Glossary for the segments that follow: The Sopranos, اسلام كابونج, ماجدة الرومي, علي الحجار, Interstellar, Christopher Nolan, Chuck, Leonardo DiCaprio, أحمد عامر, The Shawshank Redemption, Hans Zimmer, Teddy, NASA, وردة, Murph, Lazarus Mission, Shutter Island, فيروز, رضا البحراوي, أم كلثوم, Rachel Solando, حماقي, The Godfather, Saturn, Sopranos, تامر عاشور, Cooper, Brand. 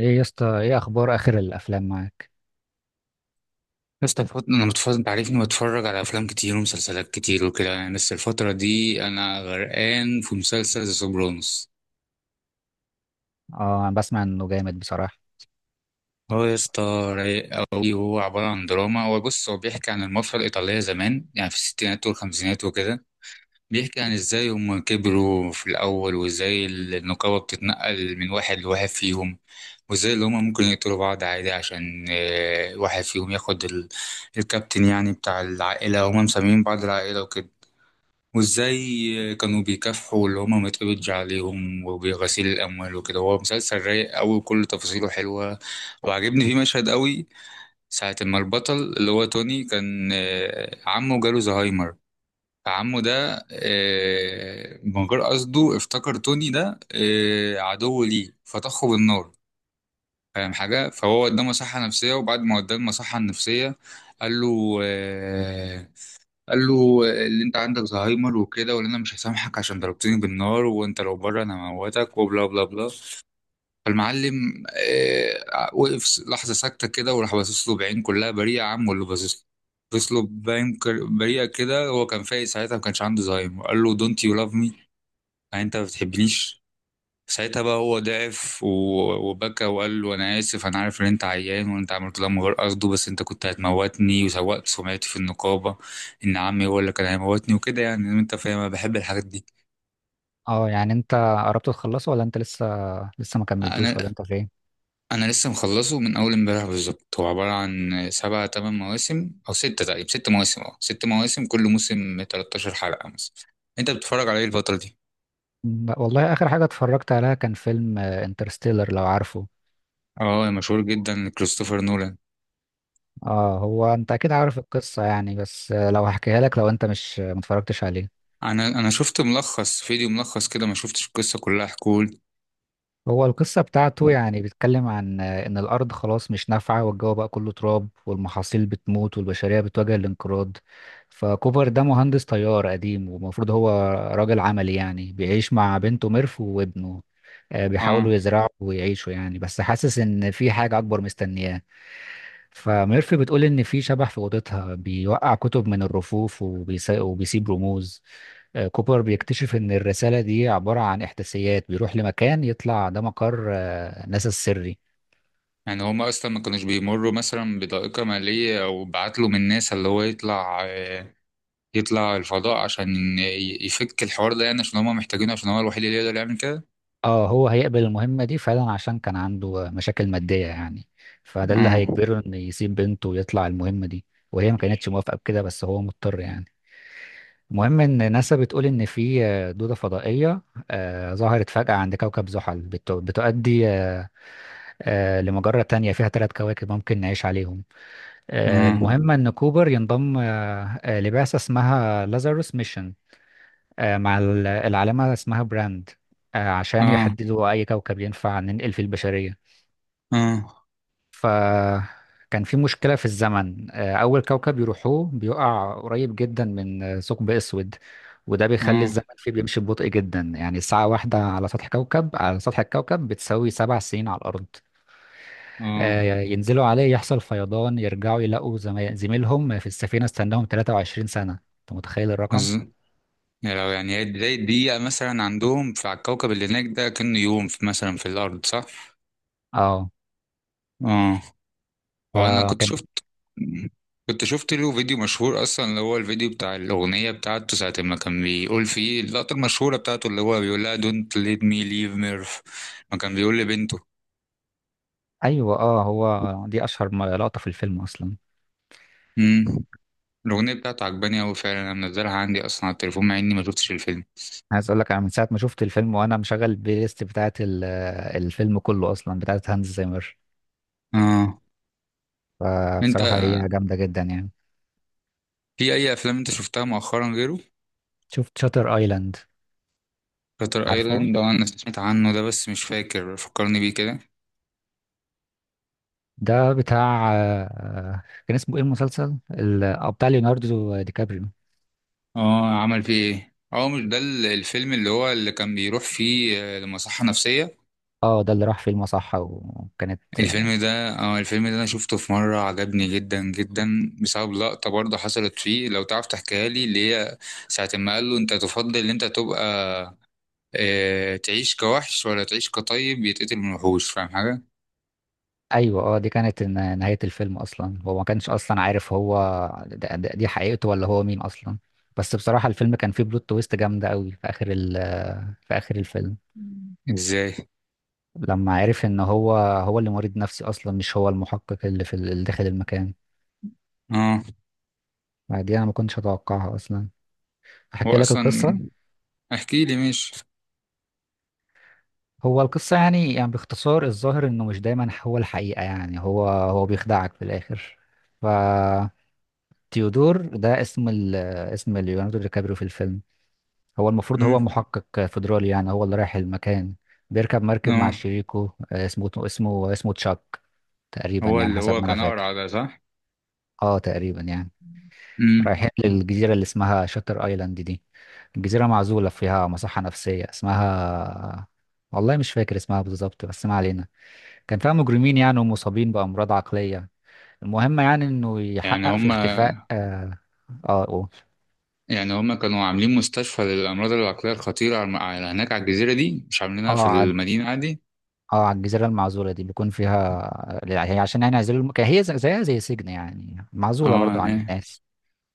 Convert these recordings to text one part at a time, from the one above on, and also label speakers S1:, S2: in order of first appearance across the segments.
S1: ايه يا اسطى، ايه اخبار اخر الافلام معاك؟
S2: يا اسطى انا متفرج، انت عارفني بتفرج على افلام كتير ومسلسلات كتير وكده يعني، بس الفتره دي انا غرقان في مسلسل ذا سوبرانوس.
S1: اه، انا بسمع انه جامد بصراحه.
S2: هو يا اسطى رايق قوي. هو عباره عن دراما، هو بص، هو بيحكي عن المافيا الايطاليه زمان يعني في الستينات والخمسينات وكده. بيحكي عن ازاي هم كبروا في الاول وازاي النقابه بتتنقل من واحد لواحد فيهم. وازاي اللي هم ممكن يقتلوا بعض عادي عشان واحد فيهم ياخد الكابتن يعني بتاع العائله، هم مسميين بعض العائله وكده. وازاي كانوا بيكافحوا اللي هما ما يتقبضش عليهم وبغسيل الاموال وكده. هو مسلسل رايق قوي وكل تفاصيله حلوه. وعجبني فيه مشهد قوي. ساعه ما البطل اللي هو توني كان عمه جاله زهايمر. فعمه ده من غير قصده افتكر توني ده عدو ليه فطخه بالنار. فاهم حاجه. فهو قدامه صحه نفسيه، وبعد ما قدامه صحه نفسيه قال له آه، قال له اللي انت عندك زهايمر وكده، وان انا مش هسامحك عشان ضربتني بالنار، وانت لو بره انا هموتك وبلا بلا بلا. فالمعلم وقف لحظه ساكته كده، وراح باصص له بعين كلها بريئه يا عم، واللي باصص له بعين بريئه كده. هو كان فايق ساعتها، ما كانش عنده زهايمر، قال له دونت يو لاف مي، يعني انت ما بتحبنيش. ساعتها بقى هو ضعف وبكى وقال له انا اسف، انا عارف ان انت عيان وانت عملت ده من غير قصده، بس انت كنت هتموتني وسوقت سمعتي في النقابه ان عمي هو اللي كان هيموتني وكده، يعني انت فاهم انا بحب الحاجات دي.
S1: اه، يعني انت قربت تخلصه ولا انت لسه؟ لسه ما كملتوش ولا
S2: انا
S1: انت فين؟
S2: انا لسه مخلصه من اول امبارح بالظبط. هو عباره عن سبع تمن مواسم او سته تقريبا، ست مواسم، اه، ست مواسم، كل موسم 13 حلقه مثلا. انت بتتفرج على ايه الفتره دي؟
S1: والله اخر حاجه اتفرجت عليها كان فيلم انترستيلر، لو عارفه.
S2: اه، مشهور جدا، كريستوفر نولان.
S1: اه، هو انت اكيد عارف القصه يعني، بس لو هحكيها لك لو انت مش ما اتفرجتش عليه.
S2: انا شفت ملخص، فيديو ملخص كده، ما شفتش القصه كلها. حكول.
S1: هو القصة بتاعته يعني بيتكلم عن إن الأرض خلاص مش نافعة، والجو بقى كله تراب، والمحاصيل بتموت، والبشرية بتواجه الانقراض. فكوبر ده مهندس طيار قديم ومفروض هو راجل عملي يعني، بيعيش مع بنته ميرف وابنه. بيحاولوا
S2: اه.
S1: يزرعوا ويعيشوا يعني، بس حاسس إن في حاجة أكبر مستنياه. فميرف بتقول إن في شبح في أوضتها بيوقع كتب من الرفوف وبيسيب رموز. كوبر بيكتشف إن الرسالة دي عبارة عن إحداثيات، بيروح لمكان يطلع ده مقر ناسا السري.
S2: يعني هما اصلا ما كانوش بيمروا مثلا بضائقة مالية او بعتلوا من ناس اللي هو يطلع يطلع الفضاء عشان يفك الحوار ده، يعني عشان هما محتاجينه عشان هو الوحيد اللي يقدر يعمل كده.
S1: اه، هو هيقبل المهمة دي فعلا عشان كان عنده مشاكل مادية يعني. فده اللي
S2: اه.
S1: هيجبره إنه يسيب بنته ويطلع المهمة دي. وهي ما كانتش موافقة بكده، بس هو مضطر يعني. المهم إن ناسا بتقول إن في دودة فضائية ظهرت فجأة عند كوكب زحل بتؤدي لمجرة تانية فيها ثلاث كواكب ممكن نعيش عليهم.
S2: اه.
S1: المهم إن كوبر ينضم لبعثة اسمها لازاروس ميشن، مع العالمة اسمها براند، عشان
S2: اه.
S1: يحددوا أي كوكب ينفع ننقل فيه البشرية.
S2: اه.
S1: فكان في مشكلة في الزمن. أول كوكب يروحوه بيقع قريب جدا من ثقب أسود، وده بيخلي
S2: اه.
S1: الزمن فيه بيمشي ببطء جدا، يعني ساعة واحدة على سطح كوكب على سطح الكوكب بتساوي 7 سنين على الأرض.
S2: اه.
S1: ينزلوا عليه يحصل فيضان، يرجعوا يلاقوا زميلهم في السفينة استناهم 23 سنة. انت متخيل الرقم؟
S2: بز- يعني لو، يعني هي بداية دقيقة مثلا عندهم في على الكوكب اللي هناك ده كأنه يوم في مثلا في الأرض، صح؟
S1: اه،
S2: اه. هو انا كنت
S1: فكان.
S2: شفت كنت شفت له فيديو مشهور اصلا، اللي هو الفيديو بتاع الاغنيه بتاعته ساعه ما كان بيقول فيه اللقطه المشهوره بتاعته، اللي هو بيقول لها دونت ليت مي ليف ميرف، ما كان بيقول لبنته.
S1: ايوه، اه، هو دي اشهر لقطة في الفيلم اصلا.
S2: امم. الاغنيه بتاعته عجباني قوي فعلا، انا منزلها عندي اصلا على التليفون مع اني ما شفتش الفيلم.
S1: عايز اقول لك، انا من ساعة ما شفت الفيلم وانا مشغل البلاي ليست بتاعت الفيلم كله اصلا، بتاعت هانز زيمر.
S2: اه. انت
S1: فبصراحة هي جامدة جدا يعني.
S2: في اي افلام انت شفتها مؤخرا غيره؟
S1: شفت شاتر ايلاند،
S2: شاتر
S1: عارفه؟
S2: ايلاند. اه، انا سمعت عنه ده بس مش فاكر، فكرني بيه كده.
S1: ده بتاع كان اسمه ايه المسلسل بتاع ليوناردو دي كابريو؟
S2: اه، عمل فيه ايه؟ اه، مش ده الفيلم اللي هو اللي كان بيروح فيه لمصحه نفسيه؟
S1: اه، ده اللي راح فيلم، صح؟ وكانت.
S2: الفيلم ده، اه، الفيلم ده انا شفته في مرة عجبني جدا جدا بسبب لقطة برضه حصلت فيه، لو تعرف تحكيها لي، اللي هي ساعة ما قال له انت تفضل ان انت تبقى، اه، تعيش كوحش ولا تعيش كطيب يتقتل من وحوش، فاهم حاجة؟
S1: ايوه، اه، دي كانت نهاية الفيلم اصلا. هو ما كانش اصلا عارف هو دي حقيقته ولا هو مين اصلا. بس بصراحة الفيلم كان فيه بلوت تويست جامدة قوي في اخر في اخر الفيلم،
S2: ازاي؟
S1: لما عرف ان هو هو اللي مريض نفسي اصلا، مش هو المحقق اللي في اللي داخل المكان.
S2: اه.
S1: دي انا ما كنتش اتوقعها اصلا.
S2: هو
S1: احكي لك
S2: اصلا
S1: القصة.
S2: احكي لي، مش.
S1: هو القصة يعني باختصار، الظاهر انه مش دايما هو الحقيقة يعني، هو هو بيخدعك في الاخر. ف تيودور ده اسم اسم ليوناردو دي كابريو في الفيلم. هو المفروض هو
S2: مم.
S1: محقق فيدرالي يعني، هو اللي رايح المكان. بيركب مركب مع
S2: اه،
S1: شريكه، اسمه تشاك، تقريبا
S2: هو
S1: يعني
S2: اللي
S1: حسب
S2: هو
S1: ما انا
S2: كان اقرع
S1: فاكر.
S2: ده، صح؟
S1: اه، تقريبا يعني.
S2: مم.
S1: رايحين للجزيرة اللي اسمها شاتر ايلاند دي. الجزيرة معزولة، فيها مصحة نفسية اسمها، والله مش فاكر اسمها بالظبط، بس ما علينا. كان فيها مجرمين يعني، ومصابين بأمراض عقلية. المهم يعني انه
S2: يعني
S1: يحقق في
S2: هما
S1: اختفاء. اه اه
S2: يعني هما كانوا عاملين مستشفى للأمراض العقلية الخطيرة على هناك على الجزيرة دي، مش عاملينها في
S1: آه،
S2: المدينة عادي؟
S1: اه على الجزيرة المعزولة دي بيكون فيها، هي عشان يعني يعزلوا هي زيها زي سجن يعني، معزولة برضو
S2: اه.
S1: عن
S2: آه.
S1: الناس.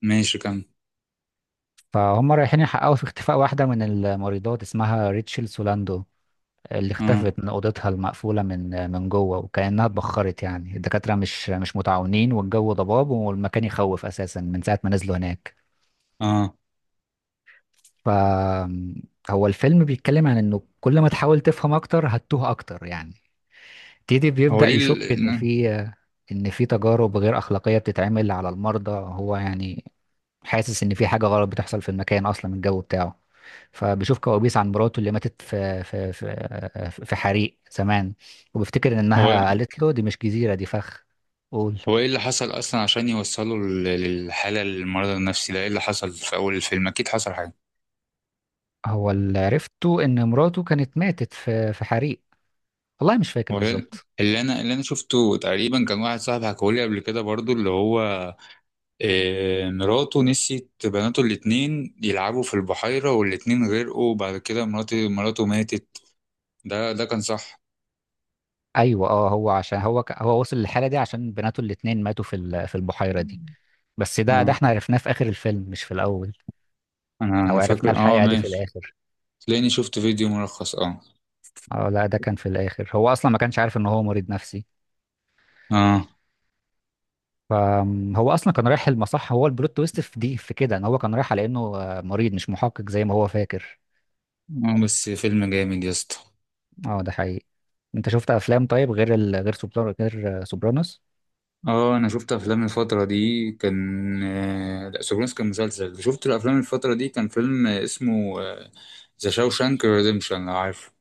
S2: ماشي، كمل.
S1: فهم رايحين يحققوا في اختفاء واحدة من الممرضات اسمها ريتشل سولاندو، اللي
S2: اه.
S1: اختفت من أوضتها المقفولة من جوه، وكأنها اتبخرت يعني. الدكاترة مش متعاونين، والجو ضباب، والمكان يخوف أساسا من ساعة ما نزلوا هناك.
S2: اه.
S1: ف هو الفيلم بيتكلم عن إنه كل ما تحاول تفهم أكتر هتتوه أكتر يعني. تيدي
S2: هو
S1: بيبدأ
S2: ليه
S1: يشك إن في تجارب غير أخلاقية بتتعمل على المرضى، هو يعني حاسس إن في حاجة غلط بتحصل في المكان، أصلا الجو بتاعه. فبيشوف كوابيس عن مراته اللي ماتت في حريق زمان، وبيفتكر
S2: هو
S1: إنها قالت له دي مش جزيرة، دي فخ. قول.
S2: هو ايه اللي حصل اصلا عشان يوصلوا للحاله المرض النفسي ده؟ ايه اللي حصل في اول الفيلم؟ اكيد حصل حاجه.
S1: هو اللي عرفته إن مراته كانت ماتت في حريق، والله مش فاكر
S2: هو ال-
S1: بالظبط.
S2: اللي انا شفته تقريبا كان واحد صاحبي حكولي قبل كده برضو، اللي هو مراته نسيت بناته الاتنين يلعبوا في البحيره والاتنين غرقوا، بعد كده مراته ماتت. ده كان صح؟
S1: أيوه، أه، هو عشان هو وصل للحالة دي عشان بناته الاتنين ماتوا في البحيرة دي. بس ده
S2: اه.
S1: احنا عرفناه في اخر الفيلم، مش في الاول.
S2: انا
S1: او
S2: انا
S1: عرفنا
S2: فاكر، اه،
S1: الحقيقة دي في
S2: ماشي.
S1: الاخر.
S2: تلاقيني شفت فيديو ملخص، اه.
S1: اه، لا، ده كان في الاخر، هو اصلا ما كانش عارف ان هو مريض نفسي.
S2: اه.
S1: فهو اصلا كان رايح المصح، هو البلوت تويست في دي في كده ان هو كان رايح على انه مريض، مش محقق زي ما هو فاكر.
S2: اه، بس فيلم جامد يا اسطى.
S1: اه، ده حقيقي. انت شفت افلام طيب غير غير سوبرانوس، غير سوبرانوس؟
S2: اه، انا شفت افلام الفتره دي كان لا، سوبرانوس كان مسلسل، شفت الافلام الفتره دي كان فيلم اسمه ذا شاوشانك ريديمشن، لو عارفه.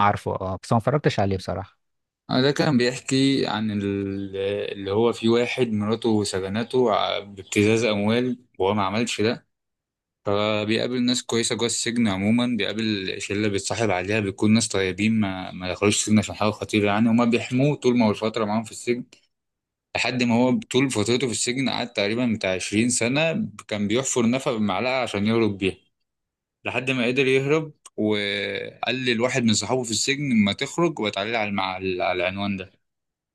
S1: عارفه، اه، بس أنا ما اتفرجتش عليه بصراحة.
S2: ده كان بيحكي عن اللي هو في واحد مراته سجنته بابتزاز اموال وهو ما عملش ده. فبيقابل ناس كويسه جوه السجن، عموما بيقابل شله بيتصاحب عليها، بيكون ناس طيبين ما دخلوش السجن عشان حاجه خطيره يعني، هما بيحموه طول ما هو الفتره معاهم في السجن. لحد ما هو طول فترته في السجن قعد تقريبا بتاع 20 سنة، كان بيحفر نفق بمعلقة عشان يهرب بيها لحد ما قدر يهرب. وقال لواحد من صحابه في السجن ما تخرج وتعالى على على العنوان ده.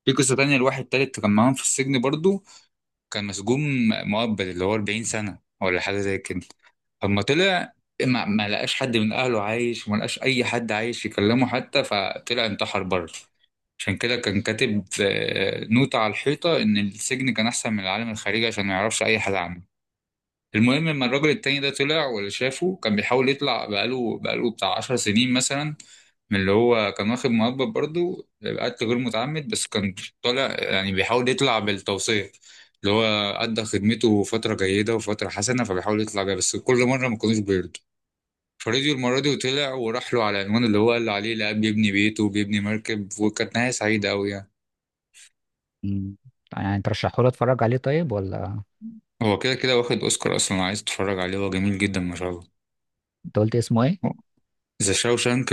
S2: في قصة تانية لواحد تالت كان معاهم في السجن برضو، كان مسجون مؤبد، اللي هو 40 سنة ولا حاجة زي كده. اما طلع، ما لقاش حد من اهله عايش وما لقاش اي حد عايش يكلمه حتى، فطلع انتحر بره. عشان كده كان كاتب نوتة على الحيطة ان السجن كان احسن من العالم الخارجي عشان ما يعرفش اي حد عنه. المهم، لما الراجل التاني ده طلع واللي شافه كان بيحاول يطلع، بقاله بتاع 10 سنين مثلا، من اللي هو كان واخد مؤبد برضه. قتل غير متعمد بس كان طالع، يعني بيحاول يطلع بالتوصية، اللي هو أدى خدمته فترة جيدة وفترة حسنة فبيحاول يطلع بيها بس كل مرة ما كانوش بيرضوا. فرضيوا المرة دي وطلع وراح له على العنوان اللي هو قال عليه، لقى بيبني بيته وبيبني مركب، وكانت نهاية سعيدة أوي يعني.
S1: مم. يعني ترشحه لي اتفرج عليه طيب، ولا؟
S2: هو كده كده واخد أوسكار أصلا، عايز تتفرج عليه، هو جميل جدا ما شاء الله.
S1: انت قلت اسمه ايه؟
S2: ذا شاوشانك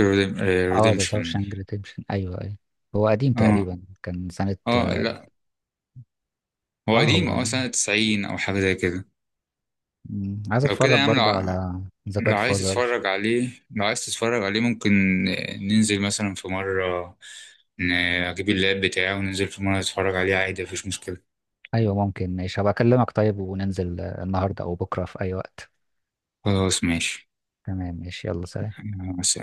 S1: اه، ذا
S2: ريديمشن.
S1: شاوشانك ريديمشن، ايوه، ايوه. هو قديم
S2: اه.
S1: تقريبا، كان سنة.
S2: اه، لا، هو
S1: اه، هو
S2: قديم، اه،
S1: قديم.
S2: سنة 90 او حاجة زي كده.
S1: مم. عايز
S2: لو كده يا
S1: اتفرج
S2: عم، لو
S1: برضه على ذا
S2: لو
S1: جاد
S2: عايز
S1: فازر.
S2: تتفرج عليه، لو عايز تتفرج عليه ممكن ننزل مثلا في مرة، ن- اجيب اللاب بتاعي وننزل في مرة نتفرج عليه عادي، مفيش مشكلة.
S1: ايوه ممكن، ماشي، هبقى اكلمك طيب وننزل النهارده او بكره في اي وقت.
S2: خلاص ماشي.
S1: تمام، ماشي، يلا سلام.
S2: بس.